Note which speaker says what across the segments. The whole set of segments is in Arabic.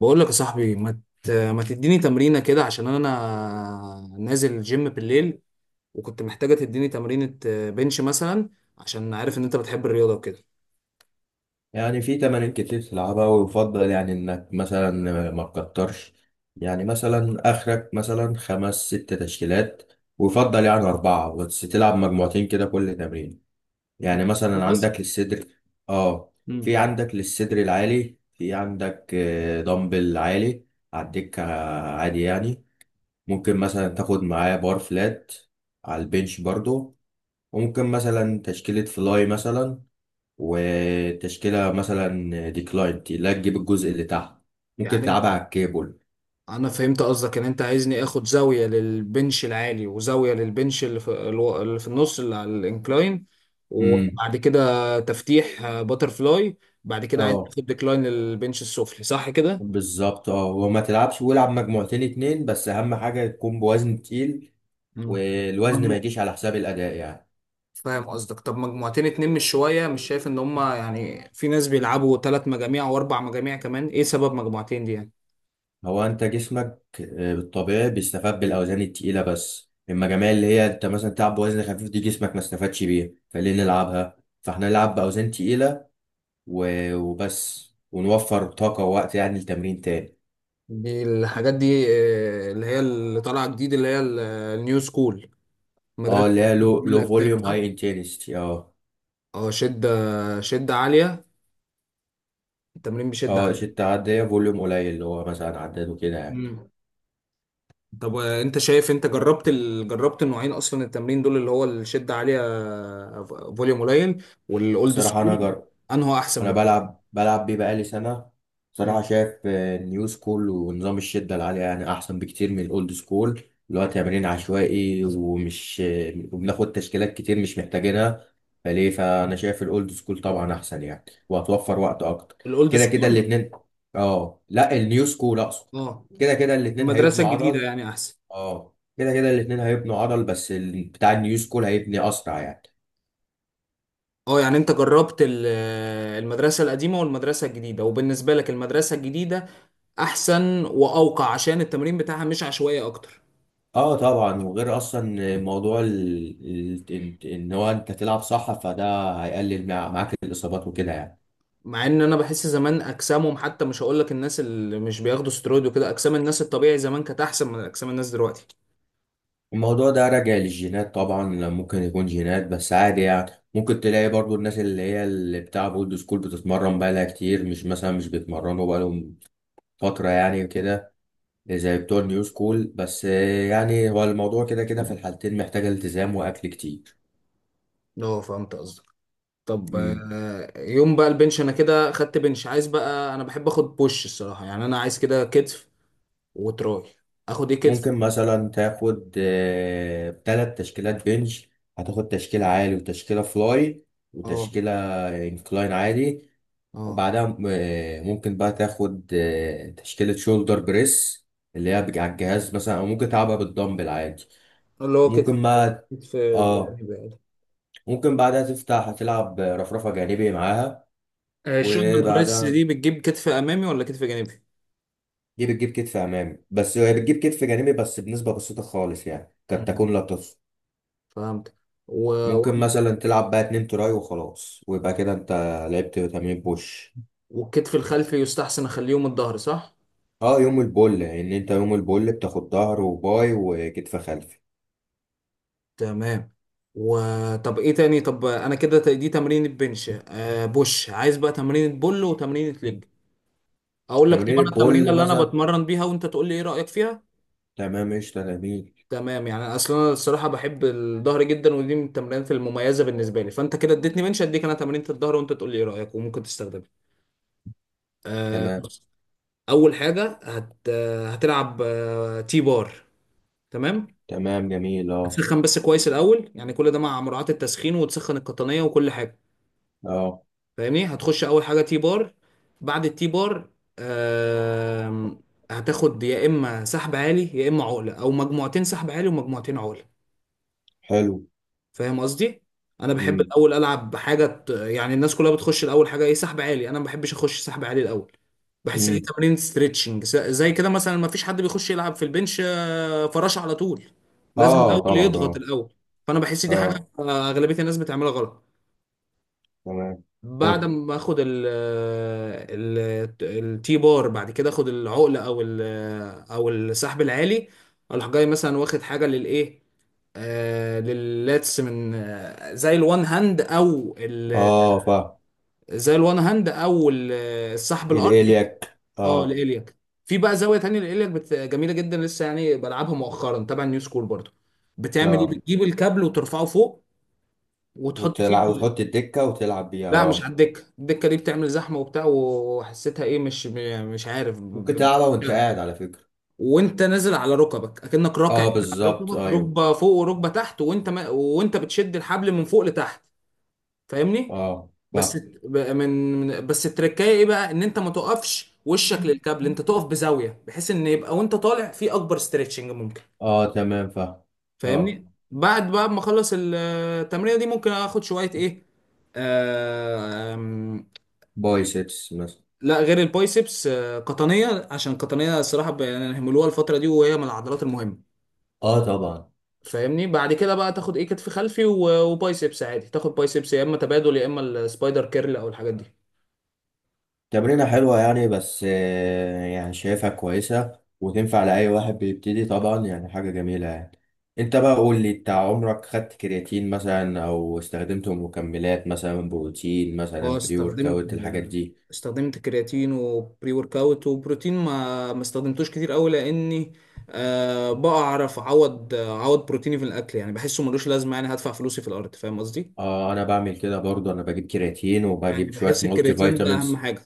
Speaker 1: بقول لك يا صاحبي ما تديني تمرينة كده عشان انا نازل الجيم بالليل، وكنت محتاجة تديني تمرينة بنش مثلا، عشان عارف ان انت بتحب الرياضة وكده.
Speaker 2: يعني في تمارين كتير تلعبها، ويفضل يعني انك مثلا ما تكترش. يعني مثلا اخرك مثلا خمس ست تشكيلات، ويفضل يعني اربعة بس تلعب مجموعتين كده كل تمرين. يعني مثلا
Speaker 1: بس.
Speaker 2: عندك للصدر. اه. في
Speaker 1: مم.
Speaker 2: عندك للصدر العالي، في عندك دمبل عالي على الدكة عادي يعني. ممكن مثلا تاخد معاه بار فلات على البنش برضو. وممكن مثلا تشكيلة فلاي مثلا، وتشكيلة مثلا ديكلاين لا تجيب الجزء اللي تحت، ممكن
Speaker 1: يعني
Speaker 2: تلعبها على الكيبل.
Speaker 1: انا فهمت قصدك ان انت عايزني اخد زاوية للبنش العالي وزاوية للبنش اللي في النص اللي على الانكلاين،
Speaker 2: امم.
Speaker 1: وبعد كده تفتيح باتر فلاي، بعد كده عايز
Speaker 2: اه
Speaker 1: اخد ديكلاين للبنش السفلي، صح كده؟
Speaker 2: بالظبط. اه وما تلعبش، والعب مجموعتين اتنين بس، اهم حاجة يكون بوزن تقيل، والوزن ما
Speaker 1: مم.
Speaker 2: يجيش على حساب الأداء يعني.
Speaker 1: فاهم قصدك. طب مجموعتين اتنين مش شوية؟ مش شايف ان هما، يعني في ناس بيلعبوا تلات مجاميع واربع مجاميع كمان، ايه سبب مجموعتين دي يعني؟
Speaker 2: هو انت جسمك بالطبيعي بيستفاد بالاوزان التقيلة، بس اما جميع اللي هي انت مثلا تلعب بوزن خفيف، دي جسمك ما استفادش بيها، فليه نلعبها؟ فاحنا نلعب باوزان تقيلة وبس، ونوفر طاقة ووقت يعني لتمرين تاني.
Speaker 1: الحاجات دي اللي هي اللي طالعة جديد، اللي هي النيو سكول،
Speaker 2: اه
Speaker 1: مدرسة
Speaker 2: اللي هي لو
Speaker 1: من الأجسام
Speaker 2: فوليوم
Speaker 1: صح؟
Speaker 2: هاي انتنسيتي اه.
Speaker 1: اه، شدة، شدة عالية، التمرين بشدة
Speaker 2: اه
Speaker 1: عالية.
Speaker 2: شدة عادية فوليوم قليل، اللي هو مثلا عداد وكده يعني.
Speaker 1: مم. طب انت شايف، انت جربت جربت النوعين اصلا، التمرين دول اللي هو الشدة عالية فوليوم قليل، والاولد
Speaker 2: الصراحة أنا
Speaker 1: سكول، انه احسن
Speaker 2: أنا
Speaker 1: بالنسبة لك؟
Speaker 2: بلعب بيه بقالي سنة. صراحة
Speaker 1: مم.
Speaker 2: شايف النيو سكول ونظام الشدة العالية يعني أحسن بكتير من الأولد سكول، اللي هو تمرين عشوائي ومش وبناخد تشكيلات كتير مش محتاجينها، فليه؟ فأنا شايف الأولد سكول طبعا أحسن يعني، وهتوفر وقت أكتر.
Speaker 1: الاولد
Speaker 2: كده كده
Speaker 1: سكول؟
Speaker 2: الاتنين. اه لا، النيو سكول أقصد.
Speaker 1: اه.
Speaker 2: كده كده الاتنين
Speaker 1: المدرسة
Speaker 2: هيبنوا
Speaker 1: الجديدة
Speaker 2: عضل.
Speaker 1: يعني أحسن؟
Speaker 2: اه كده كده الاتنين هيبنوا عضل، بس بتاع النيو سكول هيبني اسرع يعني.
Speaker 1: اه يعني أنت جربت المدرسة القديمة والمدرسة الجديدة، وبالنسبة لك المدرسة الجديدة أحسن وأوقع عشان التمرين بتاعها مش عشوائي أكتر.
Speaker 2: اه طبعا. وغير اصلا موضوع إن هو انت تلعب صح، فده هيقلل معاك الاصابات وكده يعني.
Speaker 1: مع إن أنا بحس زمان أجسامهم حتى، مش هقول لك الناس اللي مش بياخدوا سترويد وكده، أجسام الناس الطبيعي زمان كانت أحسن من أجسام الناس دلوقتي.
Speaker 2: الموضوع ده راجع للجينات طبعا. ممكن يكون جينات بس، عادي يعني. ممكن تلاقي برضو الناس اللي هي اللي بتاع اولد سكول بتتمرن بقالها كتير، مش مثلا مش بيتمرنوا بقالهم فترة يعني كده زي بتوع النيو سكول. بس يعني هو الموضوع كده كده في الحالتين محتاج التزام واكل كتير.
Speaker 1: اه فهمت قصدك. طب يوم بقى البنش، أنا كده خدت بنش، عايز بقى، أنا بحب آخد بوش الصراحة، يعني أنا عايز كده كتف وتراي. آخد إيه كتف؟
Speaker 2: ممكن مثلا تاخد ثلاث تشكيلات بنش. هتاخد تشكيلة عالي وتشكيلة فلاي
Speaker 1: اه.
Speaker 2: وتشكيلة انكلاين عادي.
Speaker 1: اه.
Speaker 2: وبعدها ممكن بقى تاخد تشكيلة شولدر بريس اللي هي على الجهاز مثلا، او ممكن تلعبها بالدمبل عادي.
Speaker 1: اللي هو كتف،
Speaker 2: وممكن بقى.
Speaker 1: كتف
Speaker 2: اه.
Speaker 1: جانبي يعني؟
Speaker 2: ممكن بعدها تفتح، هتلعب رفرفة جانبي معاها
Speaker 1: البريس
Speaker 2: وبعدها.
Speaker 1: دي بتجيب كتف امامي ولا كتف جانبي؟
Speaker 2: دي بتجيب كتف امامي بس، هي بتجيب كتف جانبي بس بنسبة بسيطة خالص يعني، قد
Speaker 1: مم.
Speaker 2: تكون لا تحصى.
Speaker 1: فهمت. و...
Speaker 2: ممكن مثلا تلعب بقى اتنين تراي وخلاص، ويبقى كده انت لعبت تمرين بوش.
Speaker 1: والكتف الخلفي يستحسن اخليهم الظهر، صح؟
Speaker 2: اه يوم البول، ان انت يوم البول بتاخد ظهر وباي وكتف خلفي.
Speaker 1: تمام. وطب ايه تاني؟ طب انا كده دي تمرين البنش آه، بوش، عايز بقى تمرين بول وتمرين ليج. اقول لك، طب
Speaker 2: تمرين
Speaker 1: انا التمرين
Speaker 2: البول
Speaker 1: اللي انا
Speaker 2: مثلا.
Speaker 1: بتمرن بيها، وانت تقول لي ايه رايك فيها.
Speaker 2: تمام، قشطة، جميل.
Speaker 1: تمام. يعني اصلا انا الصراحه بحب الظهر جدا، ودي من التمرينات المميزه بالنسبه لي، فانت كده اديتني بنش، اديك انا تمرينة الظهر، وانت تقول لي ايه رايك وممكن تستخدمها. آه،
Speaker 2: تمام.
Speaker 1: اول حاجه هتلعب تي بار. تمام.
Speaker 2: تمام جميل اه.
Speaker 1: هتسخن بس كويس الاول، يعني كل ده مع مراعاه التسخين، وتسخن القطنيه وكل حاجه.
Speaker 2: اه.
Speaker 1: فاهمني، هتخش اول حاجه تي بار، بعد التي بار آم، هتاخد يا اما سحب عالي يا اما عقله، او مجموعتين سحب عالي ومجموعتين عقله.
Speaker 2: حلو.
Speaker 1: فاهم قصدي. انا بحب
Speaker 2: مم.
Speaker 1: الاول العب بحاجه يعني الناس كلها بتخش الاول حاجه ايه؟ سحب عالي. انا ما بحبش اخش سحب عالي الاول، بحس ان دي
Speaker 2: مم.
Speaker 1: تمارين ستريتشنج زي كده، مثلا ما فيش حد بيخش يلعب في البنش فراشه على طول، لازم
Speaker 2: اه
Speaker 1: الاول
Speaker 2: طبعا
Speaker 1: يضغط
Speaker 2: اه.
Speaker 1: الاول. فانا بحس دي حاجه
Speaker 2: اه
Speaker 1: اغلبيه الناس بتعملها غلط.
Speaker 2: تمام.
Speaker 1: بعد ما اخد ال التي بار، بعد كده اخد العقله او السحب العالي، اروح جاي مثلا واخد حاجه للايه، آه لللاتس، من آه زي الوان هاند او ال-
Speaker 2: اه فاهم.
Speaker 1: زي الوان هاند او ال- السحب الارضي.
Speaker 2: الالياك
Speaker 1: اه
Speaker 2: اه.
Speaker 1: لإلياك. في بقى زاويه تانية لإلياك جميله جدا، لسه يعني بلعبها مؤخرا تبع نيو سكول برضو. بتعمل ايه؟
Speaker 2: اه
Speaker 1: بتجيب الكابل وترفعه فوق وتحط فيه.
Speaker 2: وتلعب وتحط الدكة وتلعب بيها
Speaker 1: لا مش على
Speaker 2: اه.
Speaker 1: الدكه، الدكه دي بتعمل زحمه وبتاع، وحسيتها ايه، مش عارف
Speaker 2: ممكن تلعبها وانت
Speaker 1: لا.
Speaker 2: قاعد على فكرة.
Speaker 1: وانت نازل على ركبك اكنك راكع
Speaker 2: اه
Speaker 1: كده، على
Speaker 2: بالظبط
Speaker 1: ركبك،
Speaker 2: ايوه.
Speaker 1: ركبه فوق وركبه تحت، وانت ما وانت بتشد الحبل من فوق لتحت. فاهمني.
Speaker 2: اه
Speaker 1: بس
Speaker 2: فاهم.
Speaker 1: بس التركايه ايه بقى، ان انت ما تقفش وشك للكابل، انت تقف بزاويه بحيث ان يبقى وانت طالع في اكبر ستريتشنج ممكن.
Speaker 2: اه تمام فاهم. اه.
Speaker 1: فاهمني. بعد بقى ما اخلص التمرينه دي، ممكن اخد شويه ايه.
Speaker 2: بايسبس مثلا.
Speaker 1: لا غير البايسبس، قطنيه، عشان قطنيه الصراحه يعني هيعملوها الفتره دي، وهي من العضلات المهمه.
Speaker 2: اه طبعا.
Speaker 1: فاهمني. بعد كده بقى تاخد ايه، كتف خلفي وبايسبس عادي، تاخد بايسبس يا اما تبادل، يا اما السبايدر كيرل او الحاجات دي.
Speaker 2: تمرينة حلوة يعني، بس آه يعني شايفها كويسة وتنفع لأي واحد بيبتدي طبعا يعني، حاجة جميلة يعني. انت بقى قول لي، انت عمرك خدت كرياتين مثلا، او استخدمت مكملات مثلا بروتين مثلا
Speaker 1: اه
Speaker 2: بري ورك
Speaker 1: استخدمت،
Speaker 2: اوت الحاجات
Speaker 1: آه،
Speaker 2: دي؟
Speaker 1: استخدمت كرياتين وبري ورك اوت وبروتين. ما استخدمتوش كتير قوي، لاني أه بعرف اعوض، بروتيني في الاكل، يعني بحسه ملوش لازمه، يعني هدفع فلوسي في الارض، فاهم قصدي.
Speaker 2: اه انا بعمل كده برضه، انا بجيب كرياتين
Speaker 1: يعني
Speaker 2: وبجيب شوية
Speaker 1: بحس
Speaker 2: مالتي
Speaker 1: الكرياتين ده اهم
Speaker 2: فيتامينز.
Speaker 1: حاجه.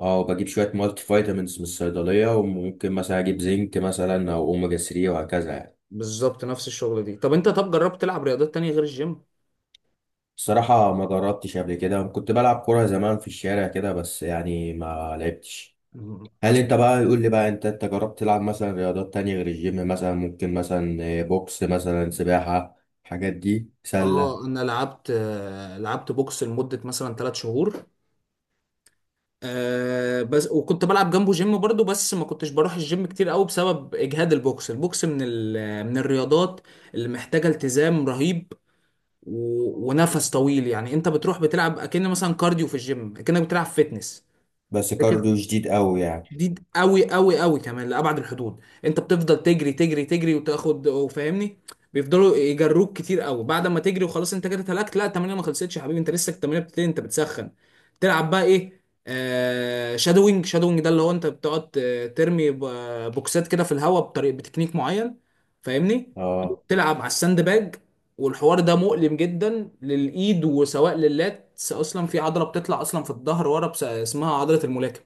Speaker 2: اه بجيب شوية مالتي فيتامينز من الصيدلية، وممكن مثلا أجيب زنك مثلا، أو أوميجا 3 وهكذا يعني.
Speaker 1: بالظبط نفس الشغلة دي. طب انت، طب جربت تلعب رياضات تانية غير الجيم؟
Speaker 2: الصراحة ما جربتش قبل كده، كنت بلعب كورة زمان في الشارع كده بس، يعني ما لعبتش.
Speaker 1: مم.
Speaker 2: هل انت
Speaker 1: أص-
Speaker 2: بقى يقول لي بقى، انت جربت تلعب مثلا رياضات تانية غير الجيم، مثلا ممكن مثلا بوكس مثلا، سباحة، الحاجات دي، سلة؟
Speaker 1: اه انا لعبت، لعبت بوكس لمدة مثلا ثلاث شهور، آه بس، وكنت بلعب جنبه جيم برضو، بس ما كنتش بروح الجيم كتير قوي بسبب اجهاد البوكس. البوكس من من الرياضات اللي محتاجة التزام رهيب، و... ونفس طويل، يعني انت بتروح بتلعب اكن مثلا كارديو في الجيم، اكنك بتلعب فيتنس
Speaker 2: بس كارديو شديد قوي يعني.
Speaker 1: شديد قوي، كمان لأبعد الحدود. انت بتفضل تجري وتاخد وفاهمني، بيفضلوا يجروك كتير قوي. بعد ما تجري وخلاص انت كده اتهلكت، لا التمرين ما خلصتش يا حبيبي، انت لسه التمرين بتبتدي، انت بتسخن. تلعب بقى ايه آه شادوينج. شادوينج ده اللي هو انت بتقعد ترمي بوكسات كده في الهواء بطريقه بتكنيك معين. فاهمني.
Speaker 2: اه.
Speaker 1: تلعب على الساند باج، والحوار ده مؤلم جدا للايد، وسواء لللات اصلا، في عضله بتطلع اصلا في الظهر ورا اسمها عضله الملاكم،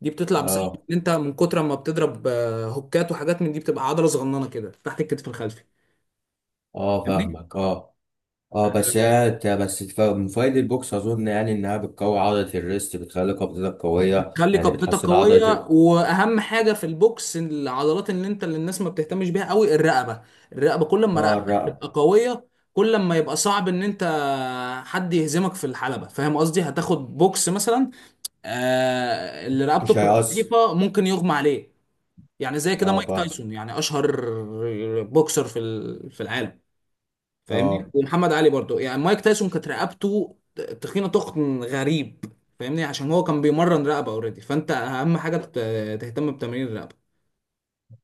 Speaker 1: دي بتطلع بسبب
Speaker 2: اه.
Speaker 1: ان انت من كتر ما بتضرب هوكات وحاجات من دي، بتبقى عضله صغننه كده تحت الكتف الخلفي.
Speaker 2: اه
Speaker 1: فاهمني.
Speaker 2: فاهمك اه. اه بس هي ت- بس الف- من فوائد البوكس اظن يعني انها بتقوي عضله الريست، بتخلي قبضتك قويه
Speaker 1: بتخلي
Speaker 2: يعني
Speaker 1: قبضتك
Speaker 2: بتحسن
Speaker 1: قويه،
Speaker 2: عضله.
Speaker 1: واهم حاجه في البوكس العضلات اللي انت، اللي الناس ما بتهتمش بيها قوي، الرقبه. الرقبه كل ما
Speaker 2: اه
Speaker 1: رقبتك
Speaker 2: الرقبه.
Speaker 1: تبقى قويه كل ما يبقى صعب ان انت حد يهزمك في الحلبه، فاهم قصدي. هتاخد بوكس مثلا، آه اللي رقبته
Speaker 2: مش
Speaker 1: بتبقى
Speaker 2: هيأثر.
Speaker 1: ضعيفه ممكن يغمى عليه. يعني زي كده
Speaker 2: اه
Speaker 1: مايك تايسون، يعني اشهر بوكسر في في العالم، فاهمني،
Speaker 2: اه
Speaker 1: ومحمد علي برضو. يعني مايك تايسون كانت رقبته تخينه، تخن غريب، فاهمني، عشان هو كان بيمرن رقبه اوريدي. فانت اهم حاجه تهتم بتمرين الرقبه.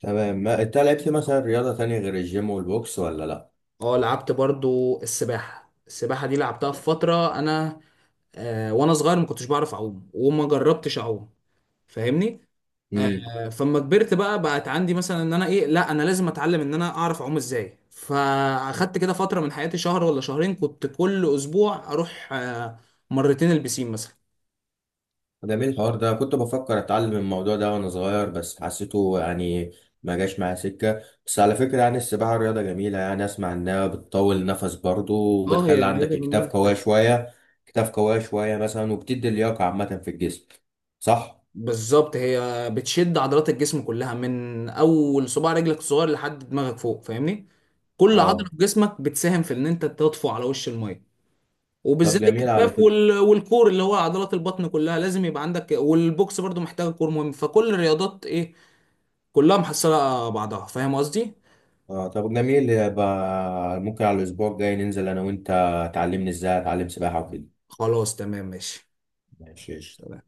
Speaker 2: تمام. ما انت لعبت مثلا رياضه تانية غير الجيم والبوكس ولا؟
Speaker 1: اه لعبت برضو السباحه. السباحه دي لعبتها في فتره، انا آه وانا صغير ما كنتش بعرف اعوم، وما جربتش اعوم، فاهمني.
Speaker 2: لا.
Speaker 1: آه فما كبرت بقى، بقت عندي مثلا ان انا ايه، لا انا لازم اتعلم ان انا اعرف اعوم ازاي، فاخدت كده فتره من حياتي، شهر ولا شهرين، كنت كل اسبوع اروح آه مرتين البسين مثلا.
Speaker 2: جميل الحوار ده، كنت بفكر اتعلم الموضوع ده وانا صغير بس حسيته يعني ما جاش معايا سكه. بس على فكره يعني السباحه رياضه جميله يعني، اسمع انها بتطول النفس برضو،
Speaker 1: اه هي
Speaker 2: وبتخلي
Speaker 1: رياضة
Speaker 2: عندك اكتاف
Speaker 1: جميلة.
Speaker 2: قويه شويه. اكتاف قويه شويه مثلا، وبتدي لياقه عامه في الجسم، صح؟
Speaker 1: بالظبط، هي بتشد عضلات الجسم كلها من اول صباع رجلك الصغير لحد دماغك فوق، فاهمني. كل عضلة
Speaker 2: اه
Speaker 1: في جسمك بتساهم في ان انت تطفو على وش المية،
Speaker 2: طب
Speaker 1: وبالذات
Speaker 2: جميل على
Speaker 1: الكتاف
Speaker 2: فكره.
Speaker 1: وال... والكور اللي هو عضلات البطن، كلها لازم يبقى عندك، والبوكس برضو محتاجة كور مهم، فكل الرياضات ايه، كلها محصلة على بعضها، فاهم قصدي.
Speaker 2: اه طب جميل، يبقى ممكن على الاسبوع الجاي ننزل انا وانت، تعلمني ازاي اتعلم سباحه وكده.
Speaker 1: خلاص تمام ماشي،
Speaker 2: ماشي.
Speaker 1: سلام.